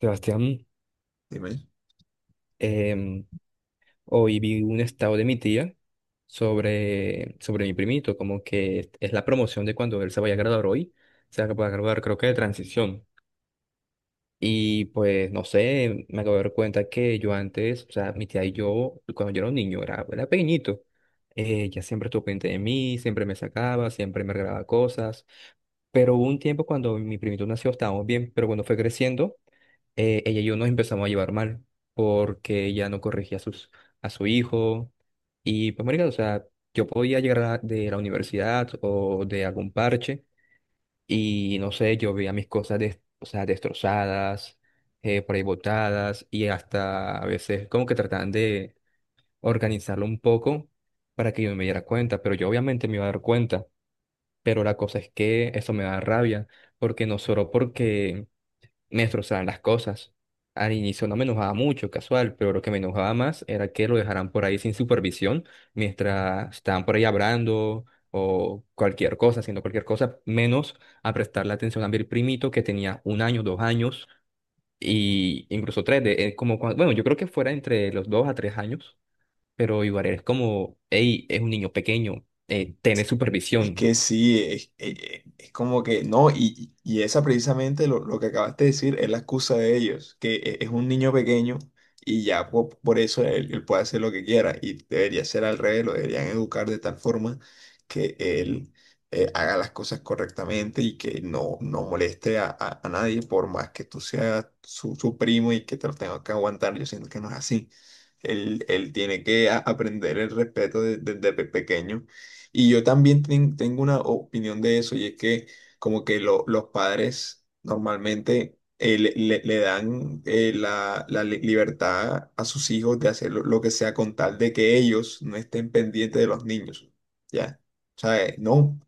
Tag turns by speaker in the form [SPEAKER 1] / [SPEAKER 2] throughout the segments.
[SPEAKER 1] Sebastián,
[SPEAKER 2] Dime.
[SPEAKER 1] em, hoy vi un estado de mi tía sobre mi primito, como que es la promoción de cuando él se vaya a graduar hoy, se va a graduar creo que de transición. Y pues no sé, me acabo de dar cuenta que yo antes, o sea, mi tía y yo, cuando yo era un niño, era pequeñito, ella siempre estuvo pendiente de mí, siempre me sacaba, siempre me regalaba cosas, pero hubo un tiempo cuando mi primito nació, estábamos bien, pero cuando fue creciendo ella y yo nos empezamos a llevar mal porque ella no corregía a su hijo. Y pues, marica, o sea, yo podía llegar de la universidad o de algún parche y no sé, yo veía mis cosas o sea, destrozadas, por ahí botadas y hasta a veces como que trataban de organizarlo un poco para que yo me diera cuenta, pero yo obviamente me iba a dar cuenta, pero la cosa es que eso me da rabia porque no solo porque me destrozaban las cosas. Al inicio no me enojaba mucho, casual, pero lo que me enojaba más era que lo dejaran por ahí sin supervisión mientras estaban por ahí hablando o cualquier cosa, haciendo cualquier cosa, menos a prestarle atención a mi primito que tenía 1 año, 2 años y incluso tres, bueno, yo creo que fuera entre los dos a tres años, pero igual es como, hey, es un niño pequeño, tiene
[SPEAKER 2] Es
[SPEAKER 1] supervisión.
[SPEAKER 2] que sí, es como que no, y esa precisamente lo que acabaste de decir es la excusa de ellos, que es un niño pequeño y eso él puede hacer lo que quiera y debería ser al revés, lo deberían educar de tal forma que él haga las cosas correctamente y que no moleste a, a nadie por más que tú seas su primo y que te lo tengas que aguantar. Yo siento que no es así. Él tiene que aprender el respeto desde pequeño. Y yo también tengo una opinión de eso, y es que como que los padres normalmente le dan libertad a sus hijos de hacer lo que sea con tal de que ellos no estén pendientes de los niños, ¿ya? O sea, no,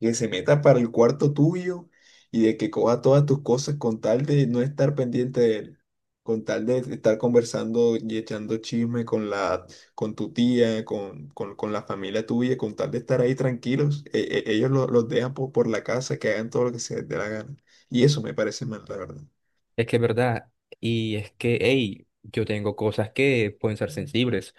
[SPEAKER 2] que se meta para el cuarto tuyo y de que coja todas tus cosas con tal de no estar pendiente de él, con tal de estar conversando y echando chisme con la con tu tía, con la familia tuya, con tal de estar ahí tranquilos, ellos los dejan por la casa, que hagan todo lo que se les dé la gana. Y eso me parece mal, la verdad.
[SPEAKER 1] Es que es verdad, y es que, hey, yo tengo cosas que pueden ser sensibles.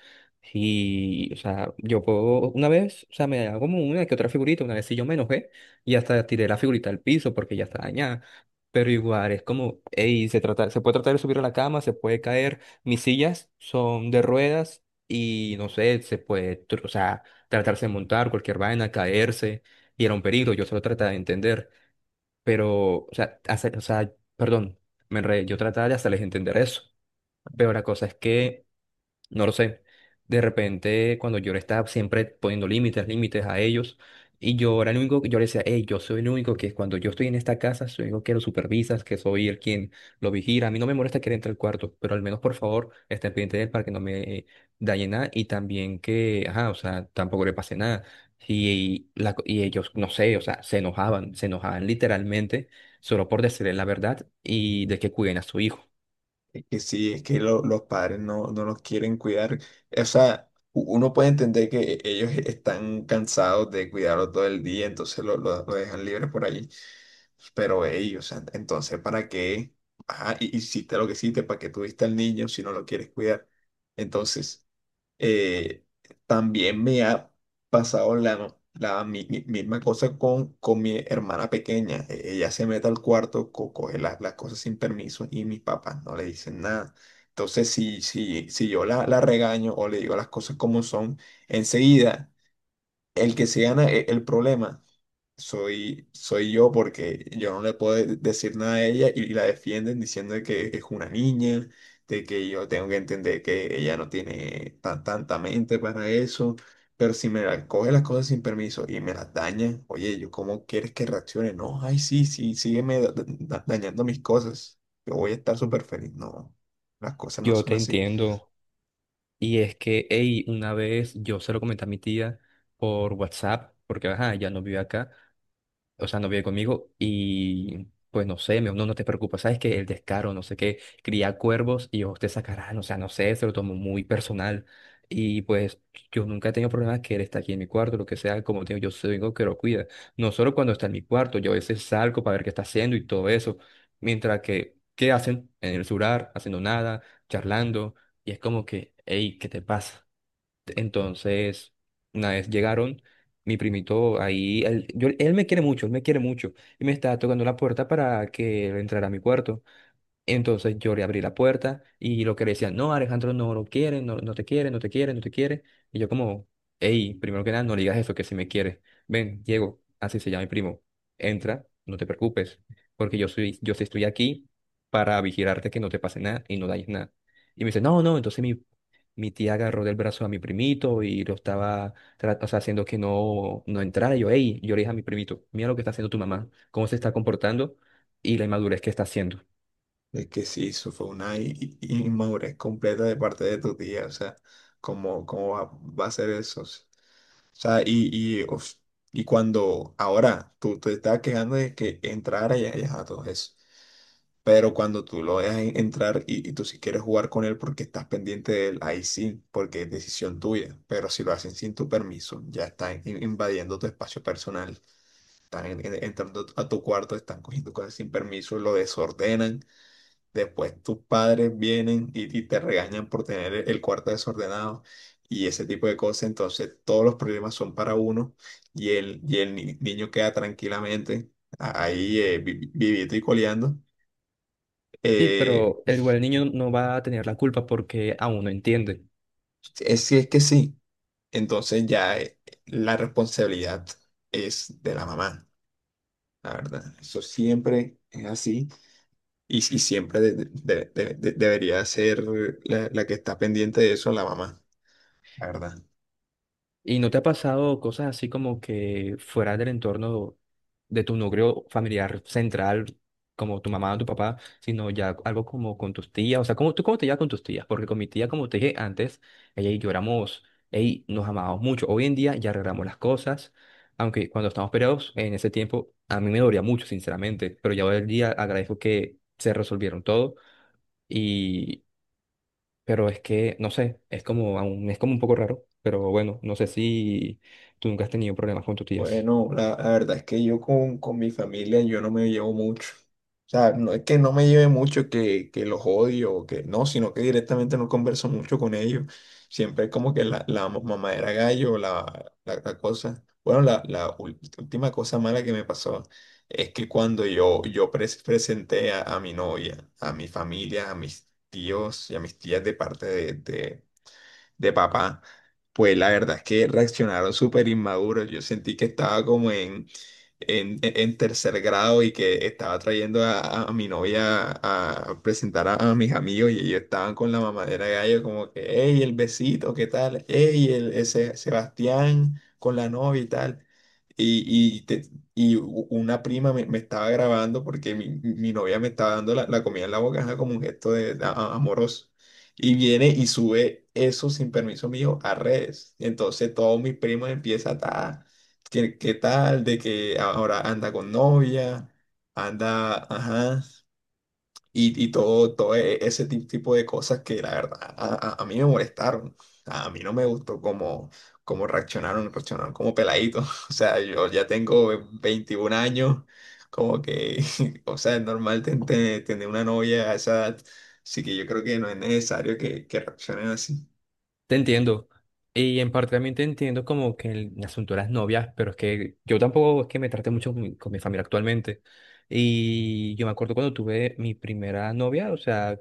[SPEAKER 1] Y, o sea, yo puedo, una vez, o sea, me hago como una que otra figurita, una vez sí yo me enojé y hasta tiré la figurita al piso porque ya está dañada. Pero igual, es como, hey, se puede tratar de subir a la cama, se puede caer. Mis sillas son de ruedas y, no sé, o sea, tratarse de montar cualquier vaina, caerse, y era un peligro, yo solo trataba de entender. Pero, o sea, o sea, perdón, me enredé, yo trataba de hacerles entender eso. Pero la cosa es que no lo sé. De repente, cuando yo le estaba siempre poniendo límites, límites a ellos, y yo era el único que yo le decía, hey, yo soy el único que cuando yo estoy en esta casa, soy el único que lo supervisas, que soy el quien lo vigila. A mí no me molesta que él entre al cuarto, pero al menos por favor, esté pendiente de él para que no me dañe nada y también que, ajá, o sea, tampoco le pase nada. Y ellos, no sé, o sea, se enojaban literalmente solo por decirle la verdad y de que cuiden a su hijo.
[SPEAKER 2] Es que sí, es que los padres no los quieren cuidar. O sea, uno puede entender que ellos están cansados de cuidarlos todo el día, entonces lo dejan libre por ahí. Pero ellos, entonces, ¿para qué? Ajá, hiciste lo que hiciste, ¿para qué tuviste al niño si no lo quieres cuidar? Entonces... Eh, también me ha pasado la misma cosa con mi hermana pequeña. Ella se mete al cuarto, coge las cosas sin permiso y mis papás no le dicen nada. Entonces, si yo la regaño o le digo las cosas como son, enseguida el que se gana el problema soy yo porque yo no le puedo decir nada a ella, y la defienden diciendo de que es una niña, de que yo tengo que entender que ella no tiene tanta mente para eso. Pero si me la coge las cosas sin permiso y me las daña, oye, ¿yo cómo quieres que reaccione? No, ay, sí, sí, sígueme dañando mis cosas. Yo voy a estar súper feliz. No, las cosas no
[SPEAKER 1] Yo
[SPEAKER 2] son
[SPEAKER 1] te
[SPEAKER 2] así.
[SPEAKER 1] entiendo. Y es que, hey, una vez yo se lo comenté a mi tía por WhatsApp, porque ajá, ya no vive acá, o sea, no vive conmigo y pues no sé, me dijo, no, no te preocupes, sabes que el descaro, no sé qué, cría cuervos y os te sacarán, o sea, no sé, se lo tomo muy personal y pues yo nunca he tenido problemas que él está aquí en mi cuarto, lo que sea, como te digo, yo soy el que lo cuida, no solo cuando está en mi cuarto, yo a veces salgo para ver qué está haciendo y todo eso, mientras que, ¿qué hacen? En el celular, haciendo nada, charlando y es como que, hey, ¿qué te pasa? Entonces, una vez llegaron, mi primito ahí, él, él me quiere mucho, él me quiere mucho, y me estaba tocando la puerta para que él entrara a mi cuarto. Entonces yo le abrí la puerta y lo que le decían, no, Alejandro no lo quiere, no, no te quiere, no te quiere, no te quiere. Y yo como, hey, primero que nada, no le digas eso, que si me quiere. Ven, Diego, así se llama mi primo. Entra, no te preocupes, porque yo soy, yo sí estoy aquí para vigilarte que no te pase nada y no dañes nada. Y me dice, no, no, entonces mi tía agarró del brazo a mi primito y lo estaba o sea, haciendo que no, no entrara. Y yo, hey, yo le dije a mi primito, mira lo que está haciendo tu mamá, cómo se está comportando y la inmadurez que está haciendo.
[SPEAKER 2] Es que sí, eso fue una inmadurez completa de parte de tu tía, o sea, cómo va a ser eso? O sea, y, uf, y cuando ahora tú te estás quejando de que entrara y ajá, todo eso, pero cuando tú lo dejas entrar y tú si quieres jugar con él porque estás pendiente de él, ahí sí, porque es decisión tuya, pero si lo hacen sin tu permiso, ya están invadiendo tu espacio personal, están entrando a tu cuarto, están cogiendo cosas sin permiso, lo desordenan. Después tus padres vienen y te regañan por tener el cuarto desordenado y ese tipo de cosas. Entonces todos los problemas son para uno y el niño queda tranquilamente ahí vivito y coleando.
[SPEAKER 1] Sí,
[SPEAKER 2] Eh,
[SPEAKER 1] pero igual el niño no va a tener la culpa porque aún no entiende.
[SPEAKER 2] es, si es que sí. Entonces ya la responsabilidad es de la mamá, la verdad. Eso siempre es así y siempre debería ser la que está pendiente de eso, la mamá, la verdad.
[SPEAKER 1] ¿Y no te ha pasado cosas así como que fuera del entorno de tu núcleo familiar central, como tu mamá o tu papá, sino ya algo como con tus tías? O sea, ¿Tú cómo te llevas con tus tías? Porque con mi tía, como te dije antes, ella y yo ey, nos amábamos mucho. Hoy en día ya arreglamos las cosas, aunque cuando estamos peleados en ese tiempo a mí me dolía mucho, sinceramente, pero ya hoy en día agradezco que se resolvieron todo. Y Pero es que, no sé, es como, es como un poco raro, pero bueno, no sé si tú nunca has tenido problemas con tus tías.
[SPEAKER 2] Bueno, la verdad es que yo con mi familia yo no me llevo mucho. O sea, no es que no me lleve mucho, que los odio, o que no, sino que directamente no converso mucho con ellos. Siempre es como que la mamadera gallo, la cosa. Bueno, la última cosa mala que me pasó es que cuando yo presenté a mi novia, a mi familia, a mis tíos y a mis tías de parte de, de papá, pues la verdad es que reaccionaron súper inmaduros. Yo sentí que estaba como en tercer grado y que estaba trayendo a mi novia a, presentar a mis amigos, y ellos estaban con la mamadera de gallo como que, hey, el besito, ¿qué tal? Hey, el, ese Sebastián con la novia y tal. Y, y, te- y una prima me estaba grabando porque mi novia me estaba dando la comida en la boca, ajá, como un gesto amoroso, y viene y sube eso sin permiso mío a redes. Y entonces todos mis primos empiezan a, ¿qué, qué tal? De que ahora anda con novia, anda, ajá, y todo, todo ese tipo de cosas que la verdad a, a mí me molestaron. A mí no me gustó cómo, cómo reaccionaron, reaccionaron como peladitos. O sea, yo ya tengo 21 años, como que, o sea, es normal tener una novia a esa edad. Así que yo creo que no es necesario que reaccionen así.
[SPEAKER 1] Te entiendo. Y en parte también te entiendo como que el asunto de las novias, pero es que yo tampoco es que me trate mucho con mi familia actualmente. Y yo me acuerdo cuando tuve mi primera novia, o sea,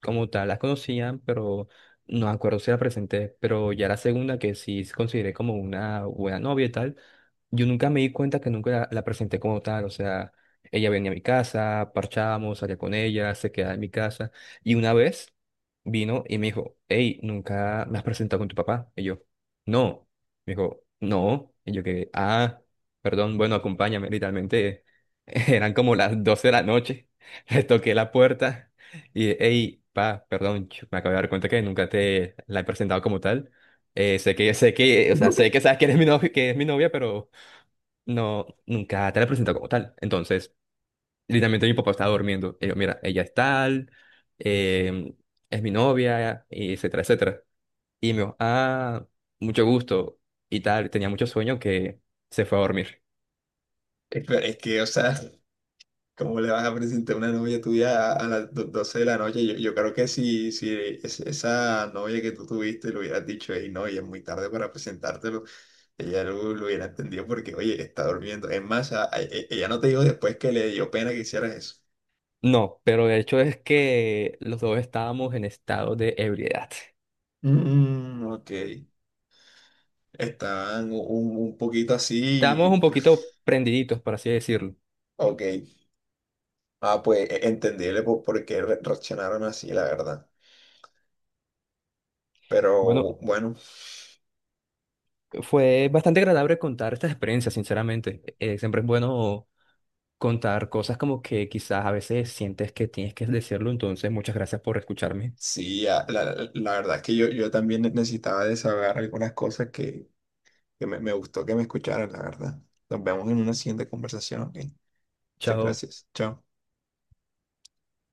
[SPEAKER 1] como tal, las conocían, pero no me acuerdo si la presenté, pero ya la segunda que sí consideré como una buena novia y tal, yo nunca me di cuenta que nunca la presenté como tal, o sea, ella venía a mi casa, parchábamos, salía con ella, se quedaba en mi casa. Y una vez vino y me dijo, hey, ¿nunca me has presentado con tu papá? Y yo, no. Me dijo, no. Y yo que, ah, perdón, bueno, acompáñame. Literalmente eran como las 12 de la noche. Le toqué la puerta y, hey, perdón, me acabo de dar cuenta que nunca te la he presentado como tal. Sé que, o sea, sé que sabes que eres mi novia, que es mi novia, pero no, nunca te la he presentado como tal. Entonces, literalmente mi papá estaba durmiendo. Y yo, mira, ella es tal, eh, es mi novia, y etcétera, etcétera. Y me dijo, ah, mucho gusto y tal. Tenía mucho sueño que se fue a dormir.
[SPEAKER 2] Pero es que, o sea, ¿cómo le vas a presentar una novia tuya a, a las 12 de la noche? Yo creo que si esa novia que tú tuviste le hubieras dicho, hey, no, y es muy tarde para presentártelo, ella lo hubiera entendido porque, oye, está durmiendo. Es más, ella no te dijo después que le dio pena que hicieras eso.
[SPEAKER 1] No, pero de hecho es que los dos estábamos en estado de ebriedad.
[SPEAKER 2] Mm, ok. Estaban un poquito así, y,
[SPEAKER 1] Estábamos un
[SPEAKER 2] pues,
[SPEAKER 1] poquito prendiditos, por así decirlo.
[SPEAKER 2] ok. Ah, pues entendible por qué reaccionaron así, la verdad. Pero
[SPEAKER 1] Bueno,
[SPEAKER 2] bueno.
[SPEAKER 1] fue bastante agradable contar estas experiencias, sinceramente. Siempre es bueno contar cosas como que quizás a veces sientes que tienes que decirlo, entonces muchas gracias por escucharme.
[SPEAKER 2] Sí, la verdad es que yo también necesitaba desahogar algunas cosas que me gustó que me escucharan, la verdad. Nos vemos en una siguiente conversación, ¿ok? Muchas
[SPEAKER 1] Chao.
[SPEAKER 2] gracias. Chao.